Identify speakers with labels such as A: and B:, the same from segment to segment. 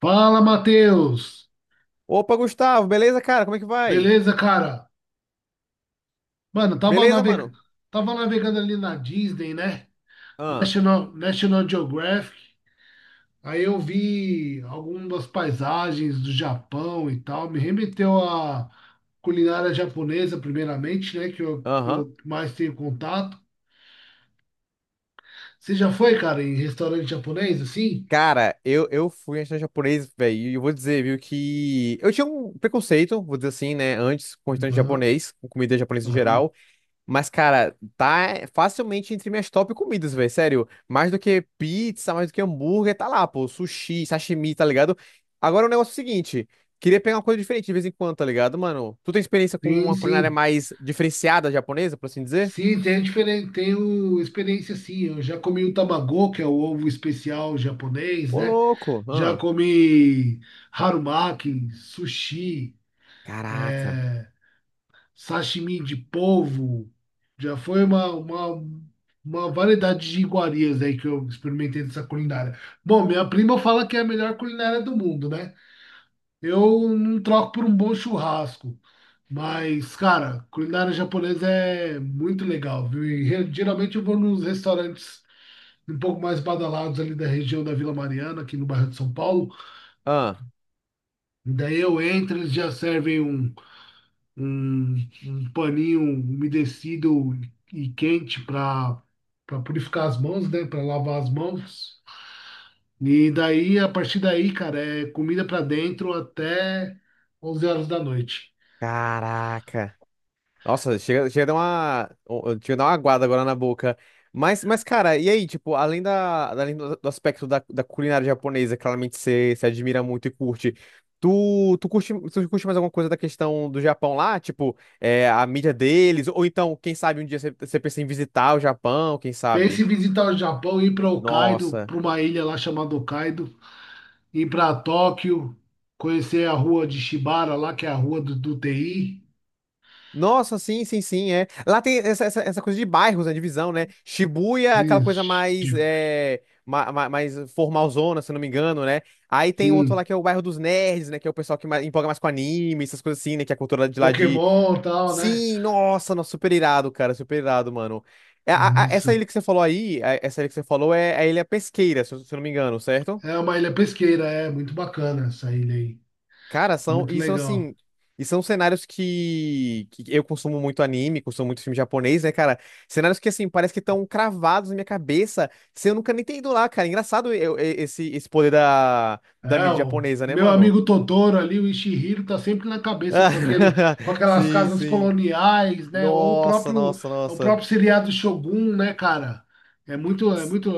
A: Fala, Matheus!
B: Opa, Gustavo, beleza, cara? Como é que vai?
A: Beleza, cara? Mano,
B: Beleza, mano?
A: tava navegando ali na Disney, né?
B: Ah,
A: National Geographic. Aí eu vi algumas paisagens do Japão e tal. Me remeteu à culinária japonesa, primeiramente, né? Que eu, que
B: aham.
A: eu mais tenho contato. Você já foi, cara, em restaurante japonês, assim?
B: Cara, eu fui em restaurante japonês, velho, e eu vou dizer, viu, que eu tinha um preconceito, vou dizer assim, né, antes com restaurante
A: Aham,
B: japonês, com comida japonesa em
A: aham.
B: geral, mas, cara, tá facilmente entre minhas top comidas, velho, sério. Mais do que pizza, mais do que hambúrguer, tá lá, pô, sushi, sashimi, tá ligado? Agora o negócio é o seguinte, queria pegar uma coisa diferente de vez em quando, tá ligado, mano? Tu tem experiência com
A: Sim,
B: uma culinária
A: sim.
B: mais diferenciada japonesa, por assim dizer?
A: Sim, tem diferente, tem o experiência sim. Eu já comi o tamago, que é o ovo especial japonês,
B: Ô,
A: né?
B: louco!
A: Já
B: Ah,
A: comi harumaki, sushi,
B: caraca!
A: é, sashimi de polvo. Já foi uma variedade de iguarias aí que eu experimentei dessa culinária. Bom, minha prima fala que é a melhor culinária do mundo, né? Eu não troco por um bom churrasco, mas, cara, culinária japonesa é muito legal, viu? E geralmente eu vou nos restaurantes um pouco mais badalados ali da região da Vila Mariana, aqui no bairro de São Paulo.
B: Ah,
A: Daí eu entro, eles já servem um, um paninho umedecido e quente para purificar as mãos, né? Para lavar as mãos. E daí, a partir daí, cara, é comida para dentro até 23:00.
B: caraca! Nossa, chega a dar uma aguada agora na boca. Mas, cara, e aí, tipo, além da, além do aspecto da culinária japonesa, claramente você se admira muito e curte. Tu curte mais alguma coisa da questão do Japão lá? Tipo, é, a mídia deles? Ou então, quem sabe um dia você pensa em visitar o Japão, quem
A: Pense
B: sabe?
A: em visitar o Japão, ir para Hokkaido,
B: Nossa.
A: para uma ilha lá chamada Hokkaido, ir para Tóquio, conhecer a rua de Shibara lá, que é a rua do TI,
B: Nossa, sim, sim, sim, é. Lá tem essa coisa de bairros, né, divisão, né? Shibuya, é aquela
A: de,
B: coisa
A: de-
B: mais, é, ma, ma- mais formalzona, se eu não me engano, né? Aí tem outro
A: sim,
B: lá que é o bairro dos nerds, né? Que é o pessoal que mais, empolga mais com anime, essas coisas assim, né? Que é a cultura de lá de...
A: Pokémon e tal, né?
B: Sim, nossa, nossa, super irado, cara, super irado, mano. É, essa
A: Isso.
B: ilha que você falou aí, essa ilha que você falou é a Ilha Pesqueira, se eu não me engano, certo?
A: É uma ilha pesqueira, é muito bacana essa ilha aí,
B: Cara, são,
A: muito
B: e são
A: legal.
B: assim, e são cenários que, eu consumo muito anime, consumo muito filme japonês, né, cara? Cenários que, assim, parece que estão cravados na minha cabeça, sem eu nunca nem ter ido lá, cara. Engraçado esse poder da
A: É,
B: mídia
A: o
B: japonesa, né,
A: meu
B: mano?
A: amigo Totoro ali, o Ishihiro, tá sempre na cabeça
B: Ah,
A: com aquele, com aquelas
B: Sim,
A: casas
B: sim.
A: coloniais, né? Ou
B: Nossa, nossa,
A: o
B: nossa.
A: próprio seriado Shogun, né, cara? É muito, é muito,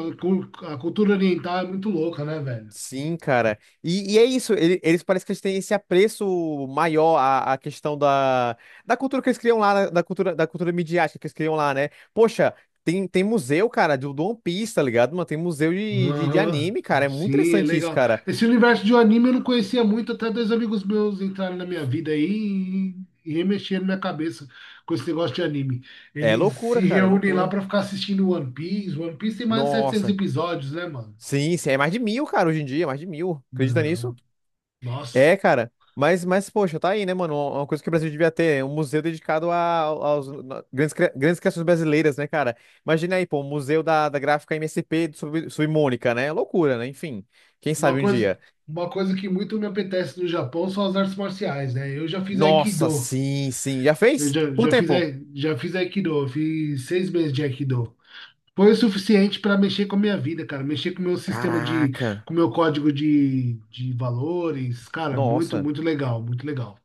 A: a cultura oriental é muito louca, né, velho?
B: Sim, cara. E é isso, eles parecem que eles têm esse apreço maior à questão da cultura que eles criam lá, da cultura midiática que eles criam lá, né? Poxa, tem museu, cara, do One Piece, tá ligado? Mano, tem museu de
A: Aham.
B: anime, cara. É muito
A: Sim, é
B: interessante isso,
A: legal.
B: cara.
A: Esse universo de um anime eu não conhecia muito, até dois amigos meus entraram na minha vida aí e remexeram minha cabeça com esse negócio de anime.
B: É
A: Eles se
B: loucura, cara, é
A: reúnem lá
B: loucura.
A: pra ficar assistindo One Piece. One Piece tem mais de 700
B: Nossa.
A: episódios, né, mano?
B: Sim, sim, é mais de mil, cara, hoje em dia, é mais de mil. Acredita nisso?
A: Não. Nossa.
B: É, cara. Mas, poxa, tá aí, né, mano? Uma coisa que o Brasil devia ter, um museu dedicado aos grandes criações brasileiras, né, cara? Imagina aí, pô, um museu da, da gráfica MSP de Submônica, né? É loucura, né? Enfim, quem
A: Uma
B: sabe um
A: coisa,
B: dia.
A: uma coisa que muito me apetece no Japão são as artes marciais, né? Eu já fiz
B: Nossa,
A: Aikido.
B: sim, sim. Já
A: Eu
B: fez?
A: já,
B: Quanto
A: já fiz,
B: tempo?
A: ai- já fiz Aikido. Eu fiz 6 meses de Aikido. Foi o suficiente para mexer com a minha vida, cara. Mexer com o meu sistema de,
B: Caraca.
A: com o meu código de valores. Cara, muito,
B: Nossa.
A: muito legal, muito legal.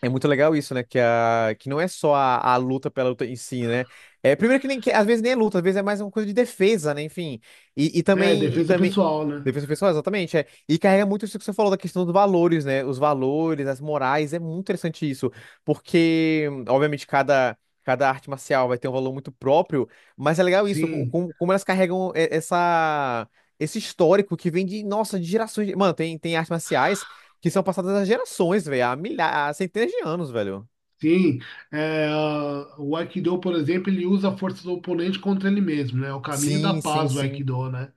B: É muito legal isso, né? Que não é só a luta pela luta em si, né? É, primeiro que às vezes nem é luta, às vezes é mais uma coisa de defesa, né? Enfim. E
A: É,
B: também. E
A: defesa
B: também...
A: pessoal, né?
B: Defesa pessoal, exatamente. É. E carrega muito isso que você falou da questão dos valores, né? Os valores, as morais. É muito interessante isso. Porque, obviamente, cada arte marcial vai ter um valor muito próprio, mas é legal isso, co-
A: Sim,
B: como, como elas carregam esse histórico que vem de, nossa, de gerações. Mano, tem artes marciais que são passadas há gerações, velho. Há milhares, há centenas de anos, velho.
A: sim. É, ah, o Aikido, por exemplo, ele usa a força do oponente contra ele mesmo, né? É o caminho da
B: Sim, sim,
A: paz, o
B: sim.
A: Aikido, né?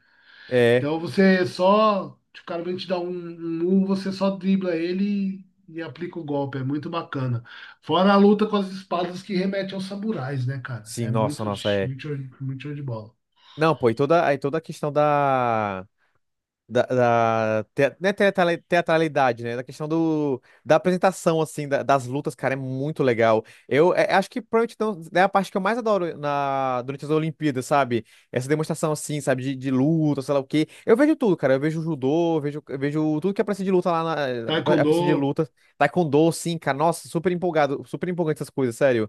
B: É.
A: Então você só. Tipo, O cara vem te dar um murro, você só dribla ele e aplica o golpe. É muito bacana. Fora a luta com as espadas que remete aos samurais, né, cara?
B: Sim,
A: É
B: nossa,
A: muito,
B: nossa, é.
A: muito, show- muito show de bola.
B: Não, pô, e aí toda a questão da não é teatralidade, né? Da questão da apresentação, assim, das lutas, cara, é muito legal. Eu acho que provavelmente então, é a parte que eu mais adoro durante as Olimpíadas, sabe? Essa demonstração, assim, sabe, de luta, sei lá o quê. Eu vejo tudo, cara. Eu vejo judô, eu vejo tudo que aparece de luta lá na.
A: Taekwondo,
B: Aparece de luta. Taekwondo, sim, cara. Nossa, super empolgado, super empolgante essas coisas, sério.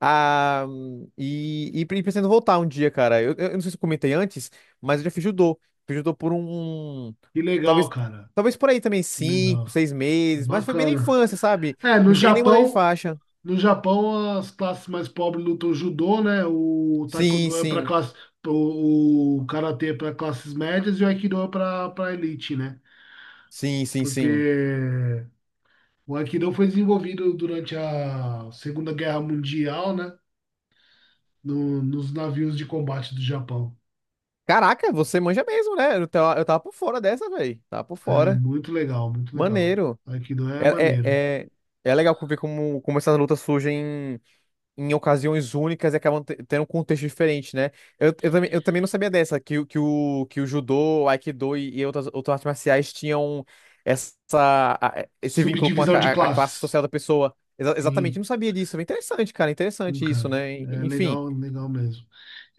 B: Ah, pretendo voltar um dia, cara. Eu não sei se eu comentei antes, mas eu já fiz judô. Fiz judô por um.
A: que legal,
B: Talvez,
A: cara.
B: talvez por aí também,
A: Que
B: cinco,
A: legal.
B: seis
A: É
B: meses. Mas foi bem na
A: bacana.
B: infância, sabe?
A: É, no
B: Não cheguei nem a mudar de
A: Japão,
B: faixa.
A: no Japão as classes mais pobres lutam judô, né? O
B: Sim,
A: taekwondo é para
B: sim.
A: classe, o karatê é para classes médias e o aikido é para elite, né?
B: Sim, sim, sim.
A: Porque o Aikido foi desenvolvido durante a Segunda Guerra Mundial, né? Nos navios de combate do Japão.
B: Caraca, você manja mesmo, né? Eu tava por fora dessa, velho. Tava por
A: É
B: fora.
A: muito legal, muito legal.
B: Maneiro.
A: Aikido é
B: É, é,
A: maneiro.
B: é, é legal ver como essas lutas surgem em ocasiões únicas e acabam tendo um contexto diferente, né? Eu também não sabia dessa, que o judô, o aikido e outras artes marciais tinham essa, esse vínculo com a,
A: Subdivisão de
B: ca- a classe
A: classes.
B: social da pessoa. Exatamente, eu
A: Sim,
B: não sabia disso. Interessante, cara,
A: sim,
B: interessante isso,
A: cara.
B: né?
A: É
B: Enfim,
A: legal, legal mesmo.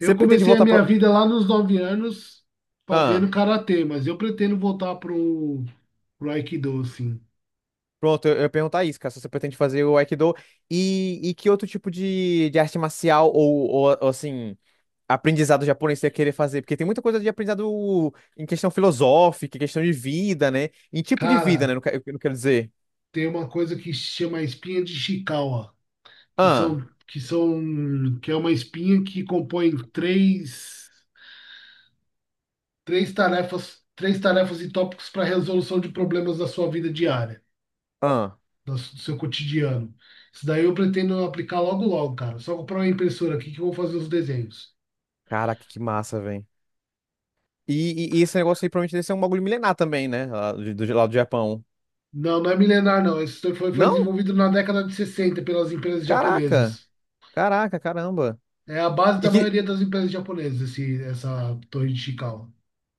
B: você pretende
A: comecei a
B: voltar
A: minha
B: pro...
A: vida lá nos 9 anos fazendo
B: Ah,
A: karatê, mas eu pretendo voltar pro Aikido, assim.
B: pronto, eu ia perguntar isso, cara, se você pretende fazer o aikido e que outro tipo de arte marcial ou, assim... aprendizado japonês você ia querer fazer, porque tem muita coisa de aprendizado em questão filosófica, em questão de vida, né? Em tipo de vida, né?
A: Cara,
B: Não, eu não quero dizer.
A: tem uma coisa que se chama espinha de Ishikawa, que são
B: Ah,
A: que é uma espinha que compõe três tarefas e tópicos para resolução de problemas da sua vida diária,
B: ah.
A: do seu cotidiano. Isso daí eu pretendo aplicar logo logo, cara. Só comprar uma impressora aqui que eu vou fazer os desenhos.
B: Caraca, que massa, velho. E esse negócio aí provavelmente deve ser um bagulho milenar também, né? Lá do Japão.
A: Não, não é milenar, não. Isso foi
B: Não?
A: desenvolvido na década de 60 pelas empresas
B: Caraca.
A: japonesas.
B: Caraca, caramba.
A: É a base
B: E
A: da
B: que,
A: maioria das empresas japonesas, essa torre de Chikawa.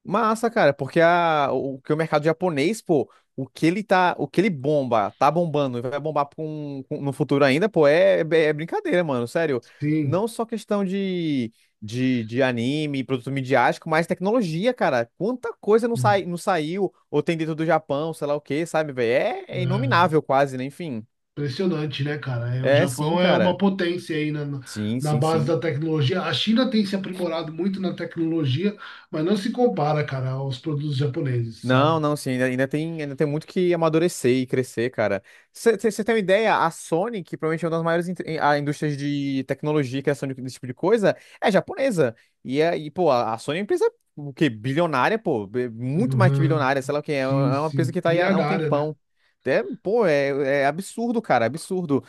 B: Massa, cara, porque o que o mercado japonês, pô, o que ele tá, o que ele bomba, tá bombando e vai bombar no futuro ainda, pô, é, é brincadeira, mano, sério.
A: Sim,
B: Não só questão de anime, produto midiático, mas tecnologia, cara. Quanta coisa não,
A: sim.
B: sai, não saiu ou tem dentro do Japão, sei lá o quê, sabe, velho? É
A: É.
B: inominável quase, né? Enfim.
A: Impressionante, né, cara? É, o
B: É, sim,
A: Japão é uma
B: cara.
A: potência aí na,
B: Sim,
A: na
B: sim,
A: base
B: sim.
A: da tecnologia. A China tem se aprimorado muito na tecnologia, mas não se compara, cara, aos produtos japoneses,
B: Não,
A: sabe?
B: não, sim, ainda, ainda tem muito que amadurecer e crescer, cara. Você tem uma ideia? A Sony, que provavelmente é uma das maiores in- a indústrias de tecnologia e criação desse tipo de coisa, é japonesa. E pô, a Sony é uma empresa o quê? Bilionária, pô, muito mais que
A: Uhum.
B: bilionária, sei lá o quê,
A: Sim,
B: é uma empresa
A: sim.
B: que tá aí há um
A: Trilhardária, né?
B: tempão. É, pô, é, absurdo, cara, absurdo.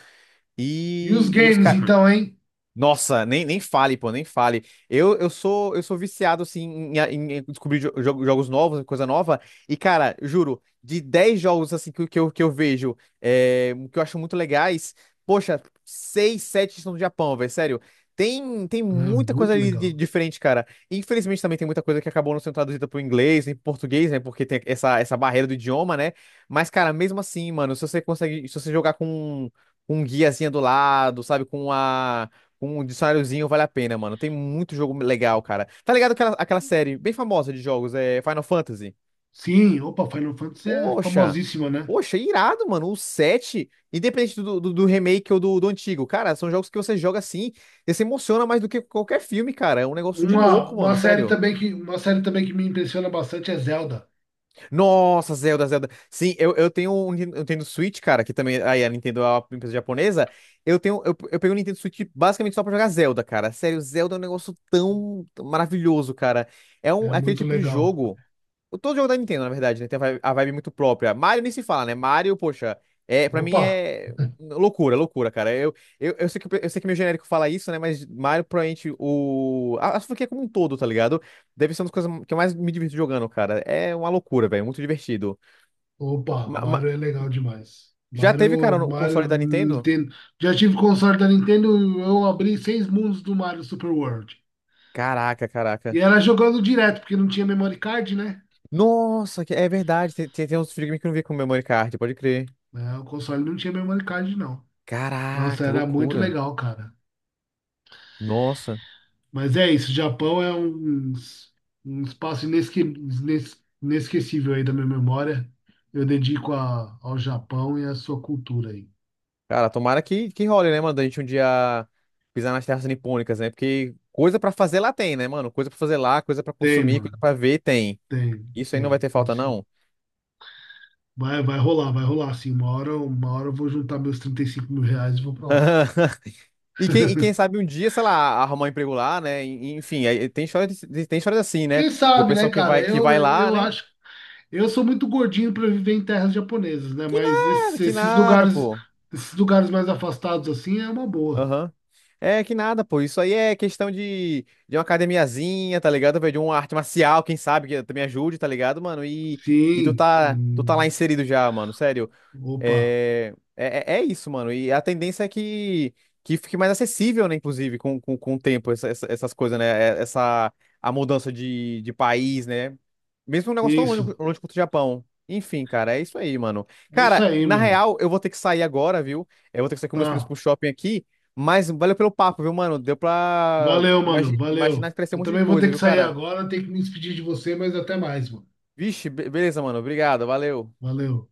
A: E os
B: E os
A: games, Uhum.
B: caras.
A: Então, hein?
B: Nossa, nem fale, pô, nem fale. Eu sou viciado assim em descobrir jogos novos, né, coisa nova. E cara, juro, de 10 jogos assim que eu vejo, que eu acho muito legais, poxa, 6, 7 são do Japão, velho, sério. Tem
A: É,
B: muita coisa
A: muito
B: ali
A: legal.
B: diferente, cara. Infelizmente também tem muita coisa que acabou não sendo traduzida pro inglês, nem pro português, né? Porque tem essa barreira do idioma, né? Mas, cara, mesmo assim, mano, se você jogar com um guiazinha do lado, sabe, com um dicionáriozinho vale a pena, mano. Tem muito jogo legal, cara. Tá ligado aquela série bem famosa de jogos, é Final Fantasy?
A: Sim, opa, Final Fantasy é
B: Poxa!
A: famosíssima, né?
B: Poxa, irado, mano. O 7 independente do remake ou do antigo, cara, são jogos que você joga assim e se emociona mais do que qualquer filme, cara. É um negócio de
A: Uma,
B: louco,
A: uma
B: mano.
A: série
B: Sério.
A: também que, uma série também que me impressiona bastante é Zelda.
B: Nossa, Zelda, Zelda. Sim, eu tenho Switch, cara, que também aí a Nintendo é uma empresa japonesa. Eu peguei o Nintendo Switch basicamente só pra jogar Zelda, cara. Sério, Zelda é um negócio tão tão maravilhoso, cara. É
A: É
B: um é aquele
A: muito
B: tipo de
A: legal.
B: jogo. Todo jogo da Nintendo, na verdade, né? Tem a vibe muito própria. Mario nem se fala, né? Mario, poxa, pra mim
A: Opa!
B: é loucura, loucura, cara. Eu sei que meu genérico fala isso, né? Mas Mario, provavelmente, a franquia como um todo, tá ligado? Deve ser uma das coisas que eu mais me divirto jogando, cara. É uma loucura, velho. Muito divertido.
A: Opa,
B: Ma- ma-
A: Mario é legal demais.
B: já teve,
A: Mario,
B: cara, no
A: Mario
B: console da Nintendo?
A: Nintendo. Já tive console da Nintendo, eu abri 6 mundos do Mario Super World.
B: Caraca,
A: E
B: caraca.
A: era jogando direto, porque não tinha memory card, né?
B: Nossa, é verdade. Tem uns videogames que eu não vi com Memory Card, pode crer.
A: É, o console não tinha memory card, não. Nossa,
B: Caraca,
A: era muito
B: loucura.
A: legal, cara.
B: Nossa.
A: Mas é isso, Japão é um, um espaço inesquecível aí da minha memória. Eu dedico ao Japão e à sua cultura aí.
B: Cara, tomara que role, né, mano? Da gente um dia pisar nas terras nipônicas, né? Porque coisa pra fazer lá tem, né, mano? Coisa pra fazer lá, coisa pra
A: Tem,
B: consumir,
A: mano.
B: coisa pra ver tem.
A: Tem,
B: Isso aí não vai
A: tem,
B: ter
A: tem
B: falta,
A: sim.
B: não.
A: Vai, vai rolar, assim. Uma hora eu vou juntar meus R$ 35.000 e vou pra lá.
B: E quem sabe um dia, sei lá, arrumar um emprego lá, né? Enfim, aí tem histórias assim, né?
A: Quem
B: Do
A: sabe, né,
B: pessoal que
A: cara?
B: vai, que vai
A: Eu,
B: lá,
A: eu
B: né?
A: acho. Eu sou muito gordinho para viver em terras japonesas, né? Mas esses,
B: Que
A: esses
B: nada,
A: lugares,
B: pô.
A: esses lugares mais afastados assim é uma boa.
B: Aham. É que nada, pô. Isso aí é questão de uma academiazinha, tá ligado? De uma arte marcial, quem sabe, que também ajude, tá ligado, mano? E tu
A: Sim.
B: tá, tu tá lá
A: Hum.
B: inserido já, mano. Sério.
A: Opa.
B: É isso, mano. E a tendência é que fique mais acessível, né? Inclusive, com o tempo, essas coisas, né? é- Essa, a mudança de país, né? Mesmo um negócio tão
A: Isso.
B: longe, longe quanto o Japão. Enfim, cara, é isso aí, mano.
A: É isso
B: Cara,
A: aí,
B: na
A: mano.
B: real, eu vou ter que sair agora, viu? Eu vou ter que sair com meus filhos
A: Tá.
B: pro shopping aqui. Mas valeu pelo papo, viu, mano? Deu pra
A: Valeu, mano.
B: imaginar
A: Valeu.
B: que crescer um
A: Eu
B: monte de
A: também vou ter
B: coisa,
A: que
B: viu,
A: sair
B: cara?
A: agora, tenho que me despedir de você, mas até mais, mano.
B: Vixe, beleza, mano. Obrigado, valeu.
A: Valeu.